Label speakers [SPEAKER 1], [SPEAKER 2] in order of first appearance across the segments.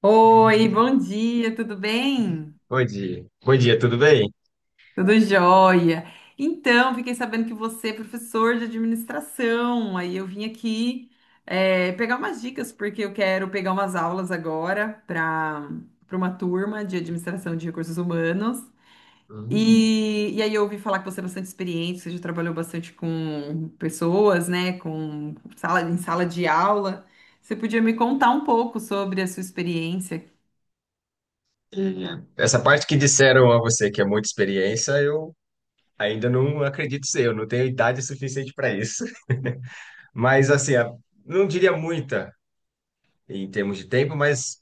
[SPEAKER 1] Oi, bom dia, tudo bem?
[SPEAKER 2] Bom dia. Bom dia, tudo bem?
[SPEAKER 1] Tudo jóia. Então, fiquei sabendo que você é professor de administração, aí eu vim aqui pegar umas dicas, porque eu quero pegar umas aulas agora para uma turma de administração de recursos humanos.
[SPEAKER 2] Hum.
[SPEAKER 1] E aí eu ouvi falar que você é bastante experiente, você já trabalhou bastante com pessoas, né, com sala, em sala de aula. Você podia me contar um pouco sobre a sua experiência.
[SPEAKER 2] É, essa parte que disseram a você que é muita experiência, eu ainda não acredito ser, eu não tenho idade suficiente para isso. Mas assim, não diria muita em termos de tempo, mas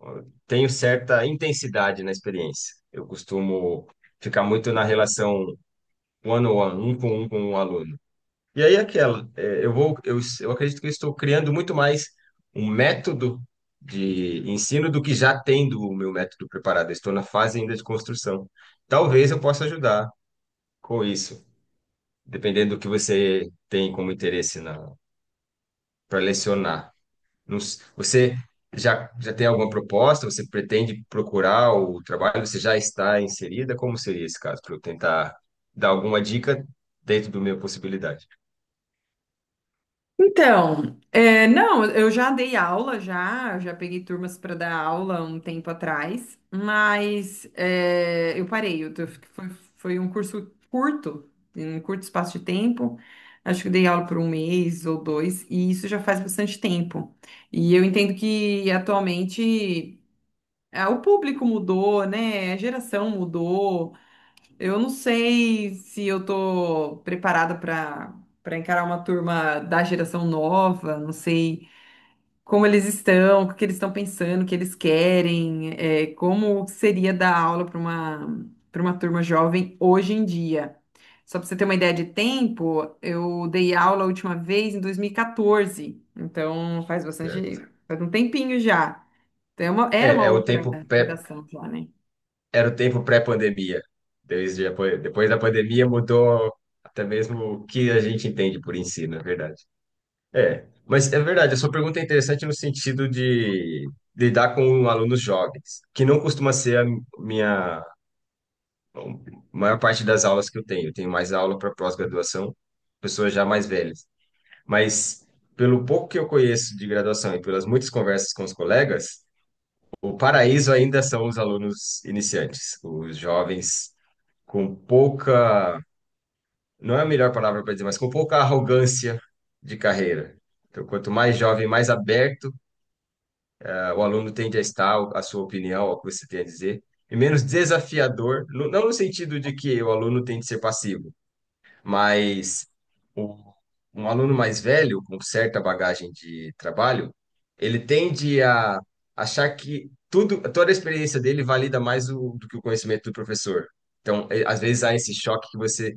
[SPEAKER 2] ó, tenho certa intensidade na experiência. Eu costumo ficar muito na relação one-on-one, um com um aluno. E aí aquela, é, eu acredito que eu estou criando muito mais um método de ensino do que já tendo o meu método preparado. Eu estou na fase ainda de construção. Talvez eu possa ajudar com isso, dependendo do que você tem como interesse na para lecionar. Não s- Você já tem alguma proposta? Você pretende procurar o trabalho? Você já está inserida? Como seria esse caso para eu tentar dar alguma dica dentro do minha possibilidade?
[SPEAKER 1] Então, é, não, eu já dei aula já, eu já peguei turmas para dar aula um tempo atrás, mas é, eu parei, foi, foi um curso curto, em um curto espaço de tempo, acho que eu dei aula por um mês ou dois, e isso já faz bastante tempo. E eu entendo que atualmente ah, o público mudou, né? A geração mudou. Eu não sei se eu tô preparada para encarar uma turma da geração nova, não sei como eles estão, o que eles estão pensando, o que eles querem, é, como seria dar aula para uma turma jovem hoje em dia. Só para você ter uma ideia de tempo, eu dei aula a última vez em 2014, então faz bastante,
[SPEAKER 2] Certo.
[SPEAKER 1] faz um tempinho já. Era uma
[SPEAKER 2] É, é o
[SPEAKER 1] outra
[SPEAKER 2] tempo
[SPEAKER 1] geração já, né?
[SPEAKER 2] era o tempo pré-pandemia. Depois da pandemia mudou até mesmo o que a gente entende por ensino, é verdade. É, mas é verdade, a sua pergunta é interessante no sentido de lidar com alunos jovens, que não costuma ser minha a maior parte das aulas que eu tenho. Eu tenho mais aula para pós-graduação, pessoas já mais velhas. Mas pelo pouco que eu conheço de graduação e pelas muitas conversas com os colegas, o paraíso ainda são os alunos iniciantes, os jovens com pouca, não é a melhor palavra para dizer, mas com pouca arrogância de carreira. Então, quanto mais jovem, mais aberto, ah, o aluno tende a estar a sua opinião, ao que você tem a dizer, e menos desafiador, não no sentido de que o aluno tem de ser passivo, mas o- um aluno mais velho, com certa bagagem de trabalho, ele tende a achar que tudo, toda a experiência dele valida mais do que o conhecimento do professor. Então, às vezes há esse choque que você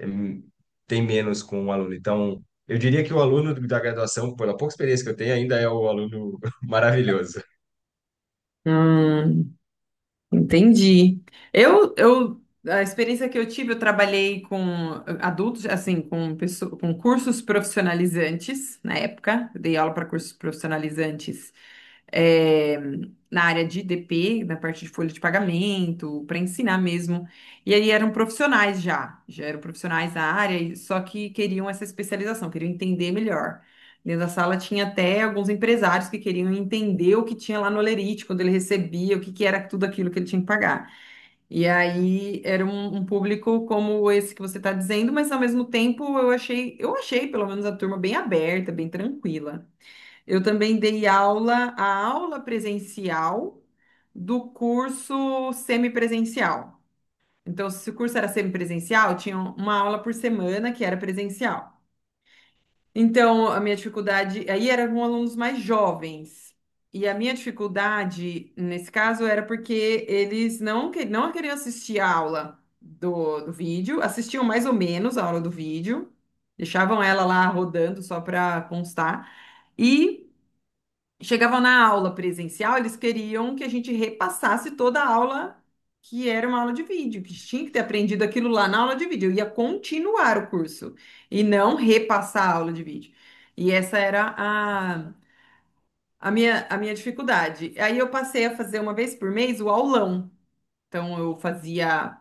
[SPEAKER 2] hum, tem menos com o aluno. Então, eu diria que o aluno da graduação, pela pouca experiência que eu tenho, ainda é o aluno maravilhoso.
[SPEAKER 1] Hum, entendi. Eu, eu, a experiência que eu tive, eu trabalhei com adultos, assim, com, com cursos profissionalizantes, na época, eu dei aula para cursos profissionalizantes, eh, na área de IDP, na parte de folha de pagamento, para ensinar mesmo. E aí eram profissionais já, já eram profissionais da área, só que queriam essa especialização, queriam entender melhor. Dentro da sala tinha até alguns empresários que queriam entender o que tinha lá no Olerite, quando ele recebia, o que que era tudo aquilo que ele tinha que pagar. E aí era um público como esse que você está dizendo, mas ao mesmo tempo eu achei pelo menos a turma bem aberta, bem tranquila. Eu também dei aula, a aula presencial do curso semipresencial. Então, se o curso era semipresencial, tinha uma aula por semana que era presencial. Então, a minha dificuldade aí era com alunos mais jovens. E a minha dificuldade nesse caso era porque eles não, não queriam assistir a aula do vídeo, assistiam mais ou menos a aula do vídeo, deixavam ela lá rodando só para constar. E chegavam na aula presencial, eles queriam que a gente repassasse toda a aula, que era uma aula de vídeo, que tinha que ter aprendido aquilo lá na aula de vídeo. Eu ia continuar o curso e não repassar a aula de vídeo. E essa a minha dificuldade. Aí eu passei a fazer uma vez por mês o aulão. Então eu fazia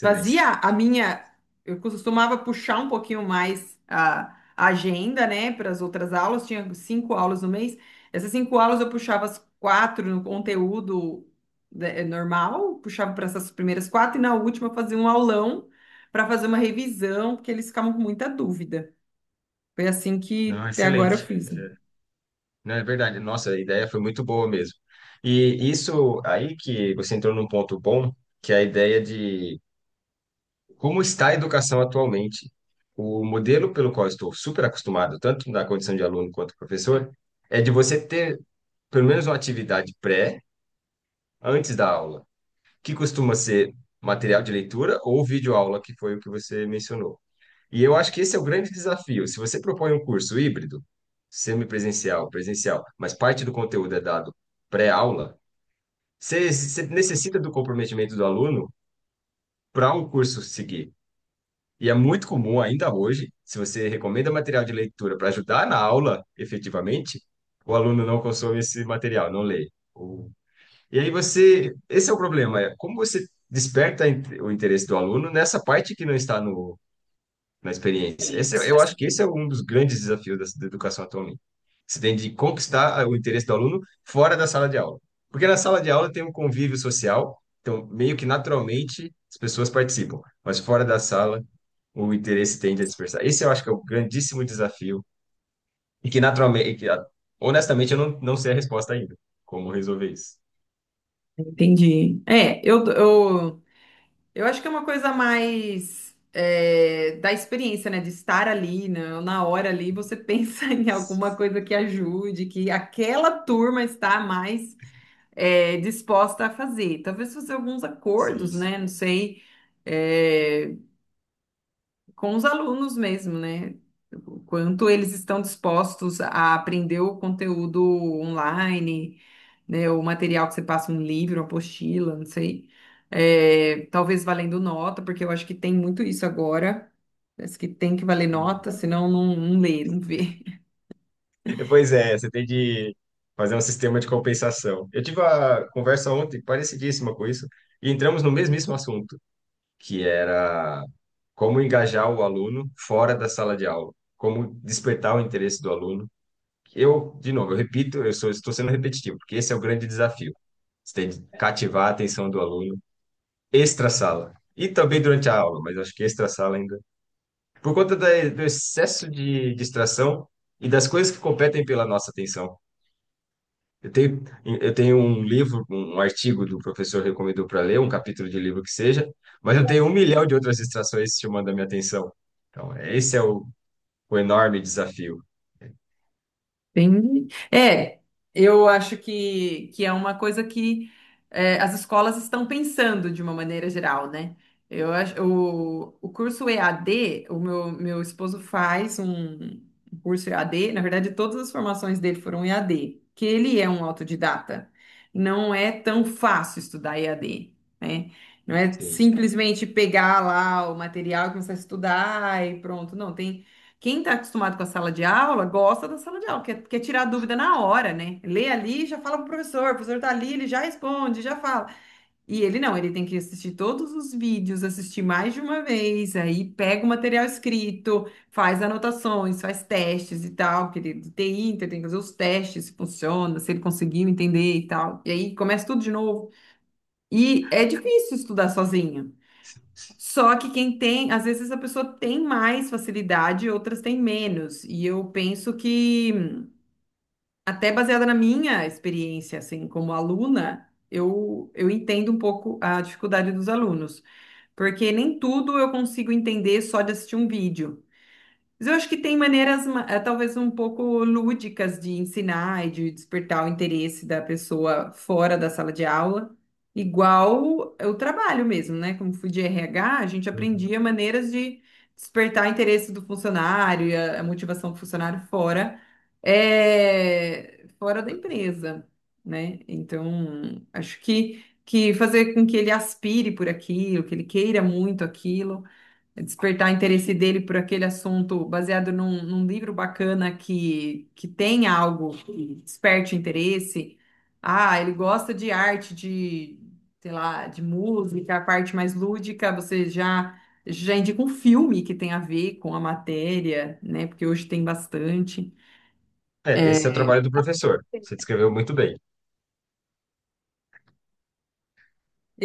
[SPEAKER 1] fazia a minha, eu costumava puxar um pouquinho mais a agenda, né, para as outras aulas, tinha cinco aulas no mês, essas cinco aulas eu puxava as quatro no conteúdo, né, é normal, puxava para essas primeiras quatro, e na última eu fazia um aulão para fazer uma revisão, porque eles ficavam com muita dúvida. Foi assim que
[SPEAKER 2] Não,
[SPEAKER 1] até agora eu
[SPEAKER 2] excelente.
[SPEAKER 1] fiz.
[SPEAKER 2] Não, é verdade. Nossa, a ideia foi muito boa mesmo. E isso aí que você entrou num ponto bom, que é a ideia de como está a educação atualmente. O modelo pelo qual eu estou super acostumado, tanto na condição de aluno quanto professor, é de você ter pelo menos uma atividade pré, antes da aula, que costuma ser material de leitura ou videoaula, que foi o que você mencionou. E eu acho que esse é o grande desafio. Se você propõe um curso híbrido, semipresencial, presencial, mas parte do conteúdo é dado pré-aula, você necessita do comprometimento do aluno para um curso seguir. E é muito comum ainda hoje, se você recomenda material de leitura para ajudar na aula, efetivamente, o aluno não consome esse material, não lê. O e aí você, Esse é o problema, é como você desperta o interesse do aluno nessa parte que não está no, na experiência. Eu acho que esse é um dos grandes desafios da educação atualmente. Você tem de conquistar o interesse do aluno fora da sala de aula. Porque na sala de aula tem um convívio social, então meio que naturalmente as pessoas participam, mas fora da sala o interesse tende a dispersar. Esse eu acho que é o grandíssimo desafio e que naturalmente, e que, ah, honestamente, eu não, não sei a resposta ainda, como resolver isso.
[SPEAKER 1] Entendi. É, eu acho que é uma coisa mais é, da experiência, né? De estar ali, na hora ali, você pensa em alguma coisa que ajude, que aquela turma está mais é, disposta a fazer. Talvez fazer alguns acordos,
[SPEAKER 2] Sim.
[SPEAKER 1] né? Não sei. eh, com os alunos mesmo, né? O quanto eles estão dispostos a aprender o conteúdo online, né? O material que você passa, um livro, uma apostila, não sei. É, talvez valendo nota, porque eu acho que tem muito isso agora. Parece que tem que valer
[SPEAKER 2] Uhum.
[SPEAKER 1] nota, senão não, não lê, não vê.
[SPEAKER 2] Pois é, você tem de fazer um sistema de compensação. Eu tive uma conversa ontem parecidíssima com isso, e entramos no mesmíssimo assunto, que era como engajar o aluno fora da sala de aula, como despertar o interesse do aluno. Eu, de novo, eu repito, estou sendo repetitivo, porque esse é o grande desafio. Você tem de cativar a atenção do aluno extra-sala, e também durante a aula, mas acho que extra-sala ainda. Por conta do excesso de distração e das coisas que competem pela nossa atenção. Eu tenho, eu tenho um livro, um artigo do professor recomendou para ler, um capítulo de livro que seja, mas eu tenho um milhão de outras distrações chamando a minha atenção. Então, é, esse é o enorme desafio.
[SPEAKER 1] Entendi. É, eu acho que é uma coisa que é, as escolas estão pensando de uma maneira geral, né? Eu acho, o curso EAD, meu esposo faz um curso EAD, na verdade, todas as formações dele foram EAD, que ele é um autodidata. Não é tão fácil estudar EAD, né? Não é
[SPEAKER 2] Sim.
[SPEAKER 1] simplesmente pegar lá o material e começar a estudar e pronto. Não, tem quem está acostumado com a sala de aula gosta da sala de aula, quer tirar a dúvida na hora, né? Lê ali, e já fala pro professor, o professor tá ali, ele já responde, já fala. E ele não, ele tem que assistir todos os vídeos, assistir mais de uma vez, aí pega o material escrito, faz anotações, faz testes e tal, porque ele de TI, então ele tem que fazer os testes, se funciona, se ele conseguiu entender e tal. E aí começa tudo de novo. E é difícil estudar sozinho. Só que quem tem, às vezes a pessoa tem mais facilidade, outras têm menos. E eu penso que, até baseada na minha experiência, assim, como aluna, eu entendo um pouco a dificuldade dos alunos, porque nem tudo eu consigo entender só de assistir um vídeo. Mas eu acho que tem maneiras, talvez um pouco lúdicas de ensinar e de despertar o interesse da pessoa fora da sala de aula, igual o trabalho mesmo, né? Como fui de RH, a gente
[SPEAKER 2] Uhum.
[SPEAKER 1] aprendia maneiras de despertar interesse do funcionário e a motivação do funcionário fora, fora da empresa, né? Então, acho que fazer com que ele aspire por aquilo, que ele queira muito aquilo, despertar interesse dele por aquele assunto baseado num livro bacana que tem algo que desperte interesse. Ah, ele gosta de arte, de, sei lá, de música, a parte mais lúdica, você já indica um filme que tem a ver com a matéria, né? Porque hoje tem bastante.
[SPEAKER 2] É, esse é o
[SPEAKER 1] É,
[SPEAKER 2] trabalho do professor. Você descreveu muito bem.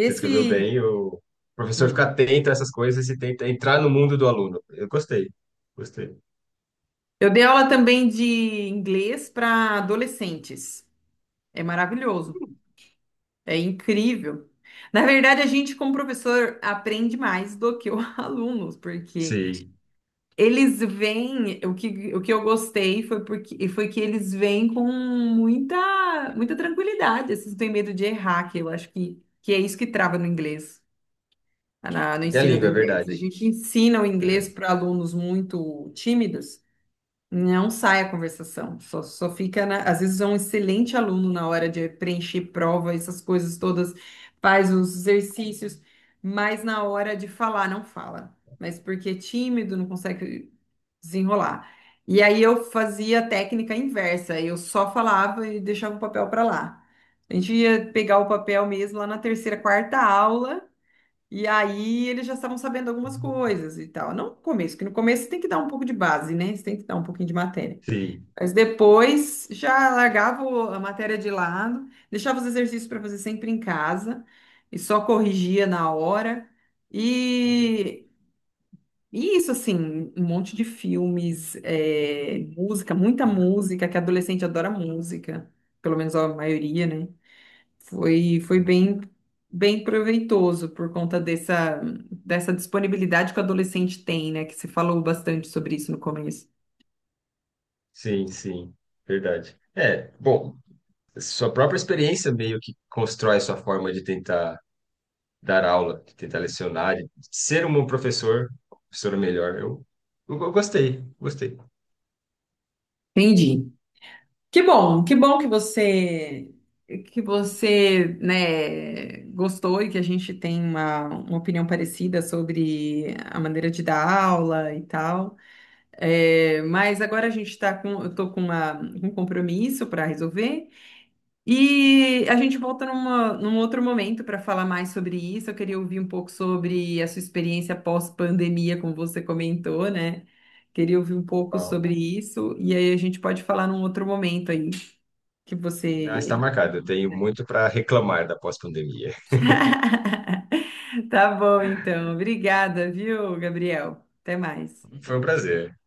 [SPEAKER 2] Você descreveu bem, o professor fica
[SPEAKER 1] hum.
[SPEAKER 2] atento a essas coisas e tenta entrar no mundo do aluno. Eu gostei, gostei.
[SPEAKER 1] Eu dei aula também de inglês para adolescentes. É maravilhoso. É incrível. Na verdade, a gente, como professor, aprende mais do que os alunos, porque
[SPEAKER 2] Sim.
[SPEAKER 1] eles vêm. O que eu gostei foi porque foi que eles vêm com muita tranquilidade. Eles não têm medo de errar, que eu acho que é isso que trava no inglês, no
[SPEAKER 2] E a
[SPEAKER 1] ensino do
[SPEAKER 2] língua, é
[SPEAKER 1] inglês.
[SPEAKER 2] verdade.
[SPEAKER 1] A gente ensina o
[SPEAKER 2] É.
[SPEAKER 1] inglês para alunos muito tímidos. Não sai a conversação, só fica às vezes é um excelente aluno na hora de preencher prova, essas coisas todas, faz os exercícios, mas na hora de falar, não fala. Mas porque é tímido, não consegue desenrolar. E aí eu fazia a técnica inversa, eu só falava e deixava o papel para lá. A gente ia pegar o papel mesmo lá na terceira, quarta aula, e aí eles já estavam sabendo algumas coisas e tal. Não no começo, que no começo você tem que dar um pouco de base, né? Você tem que dar um pouquinho de matéria.
[SPEAKER 2] Sim.
[SPEAKER 1] Mas depois já largava a matéria de lado, deixava os exercícios para fazer sempre em casa e só corrigia na hora. E, e isso, assim, um monte de filmes, é, música, muita música, que adolescente adora música, pelo menos a maioria, né? Foi bem, bem proveitoso por conta dessa, dessa disponibilidade que o adolescente tem, né? Que se falou bastante sobre isso no começo.
[SPEAKER 2] Sim, sim, verdade. É, bom, sua própria experiência meio que constrói sua forma de tentar dar aula, de tentar lecionar, de ser um bom professor, professora melhor. Eu gostei, gostei.
[SPEAKER 1] Entendi. Que bom que você, né, gostou e que a gente tem uma opinião parecida sobre a maneira de dar aula e tal. É, mas agora a gente está com, eu tô com uma- um compromisso para resolver e a gente volta num outro momento para falar mais sobre isso. Eu queria ouvir um pouco sobre a sua experiência pós-pandemia, como você comentou, né? Queria ouvir um pouco sobre
[SPEAKER 2] Uau.
[SPEAKER 1] isso e aí a gente pode falar num outro momento aí que
[SPEAKER 2] Não, está
[SPEAKER 1] você.
[SPEAKER 2] marcado. Eu tenho muito para reclamar da pós-pandemia.
[SPEAKER 1] Tá bom, então. Obrigada, viu, Gabriel? Até mais.
[SPEAKER 2] Foi um prazer.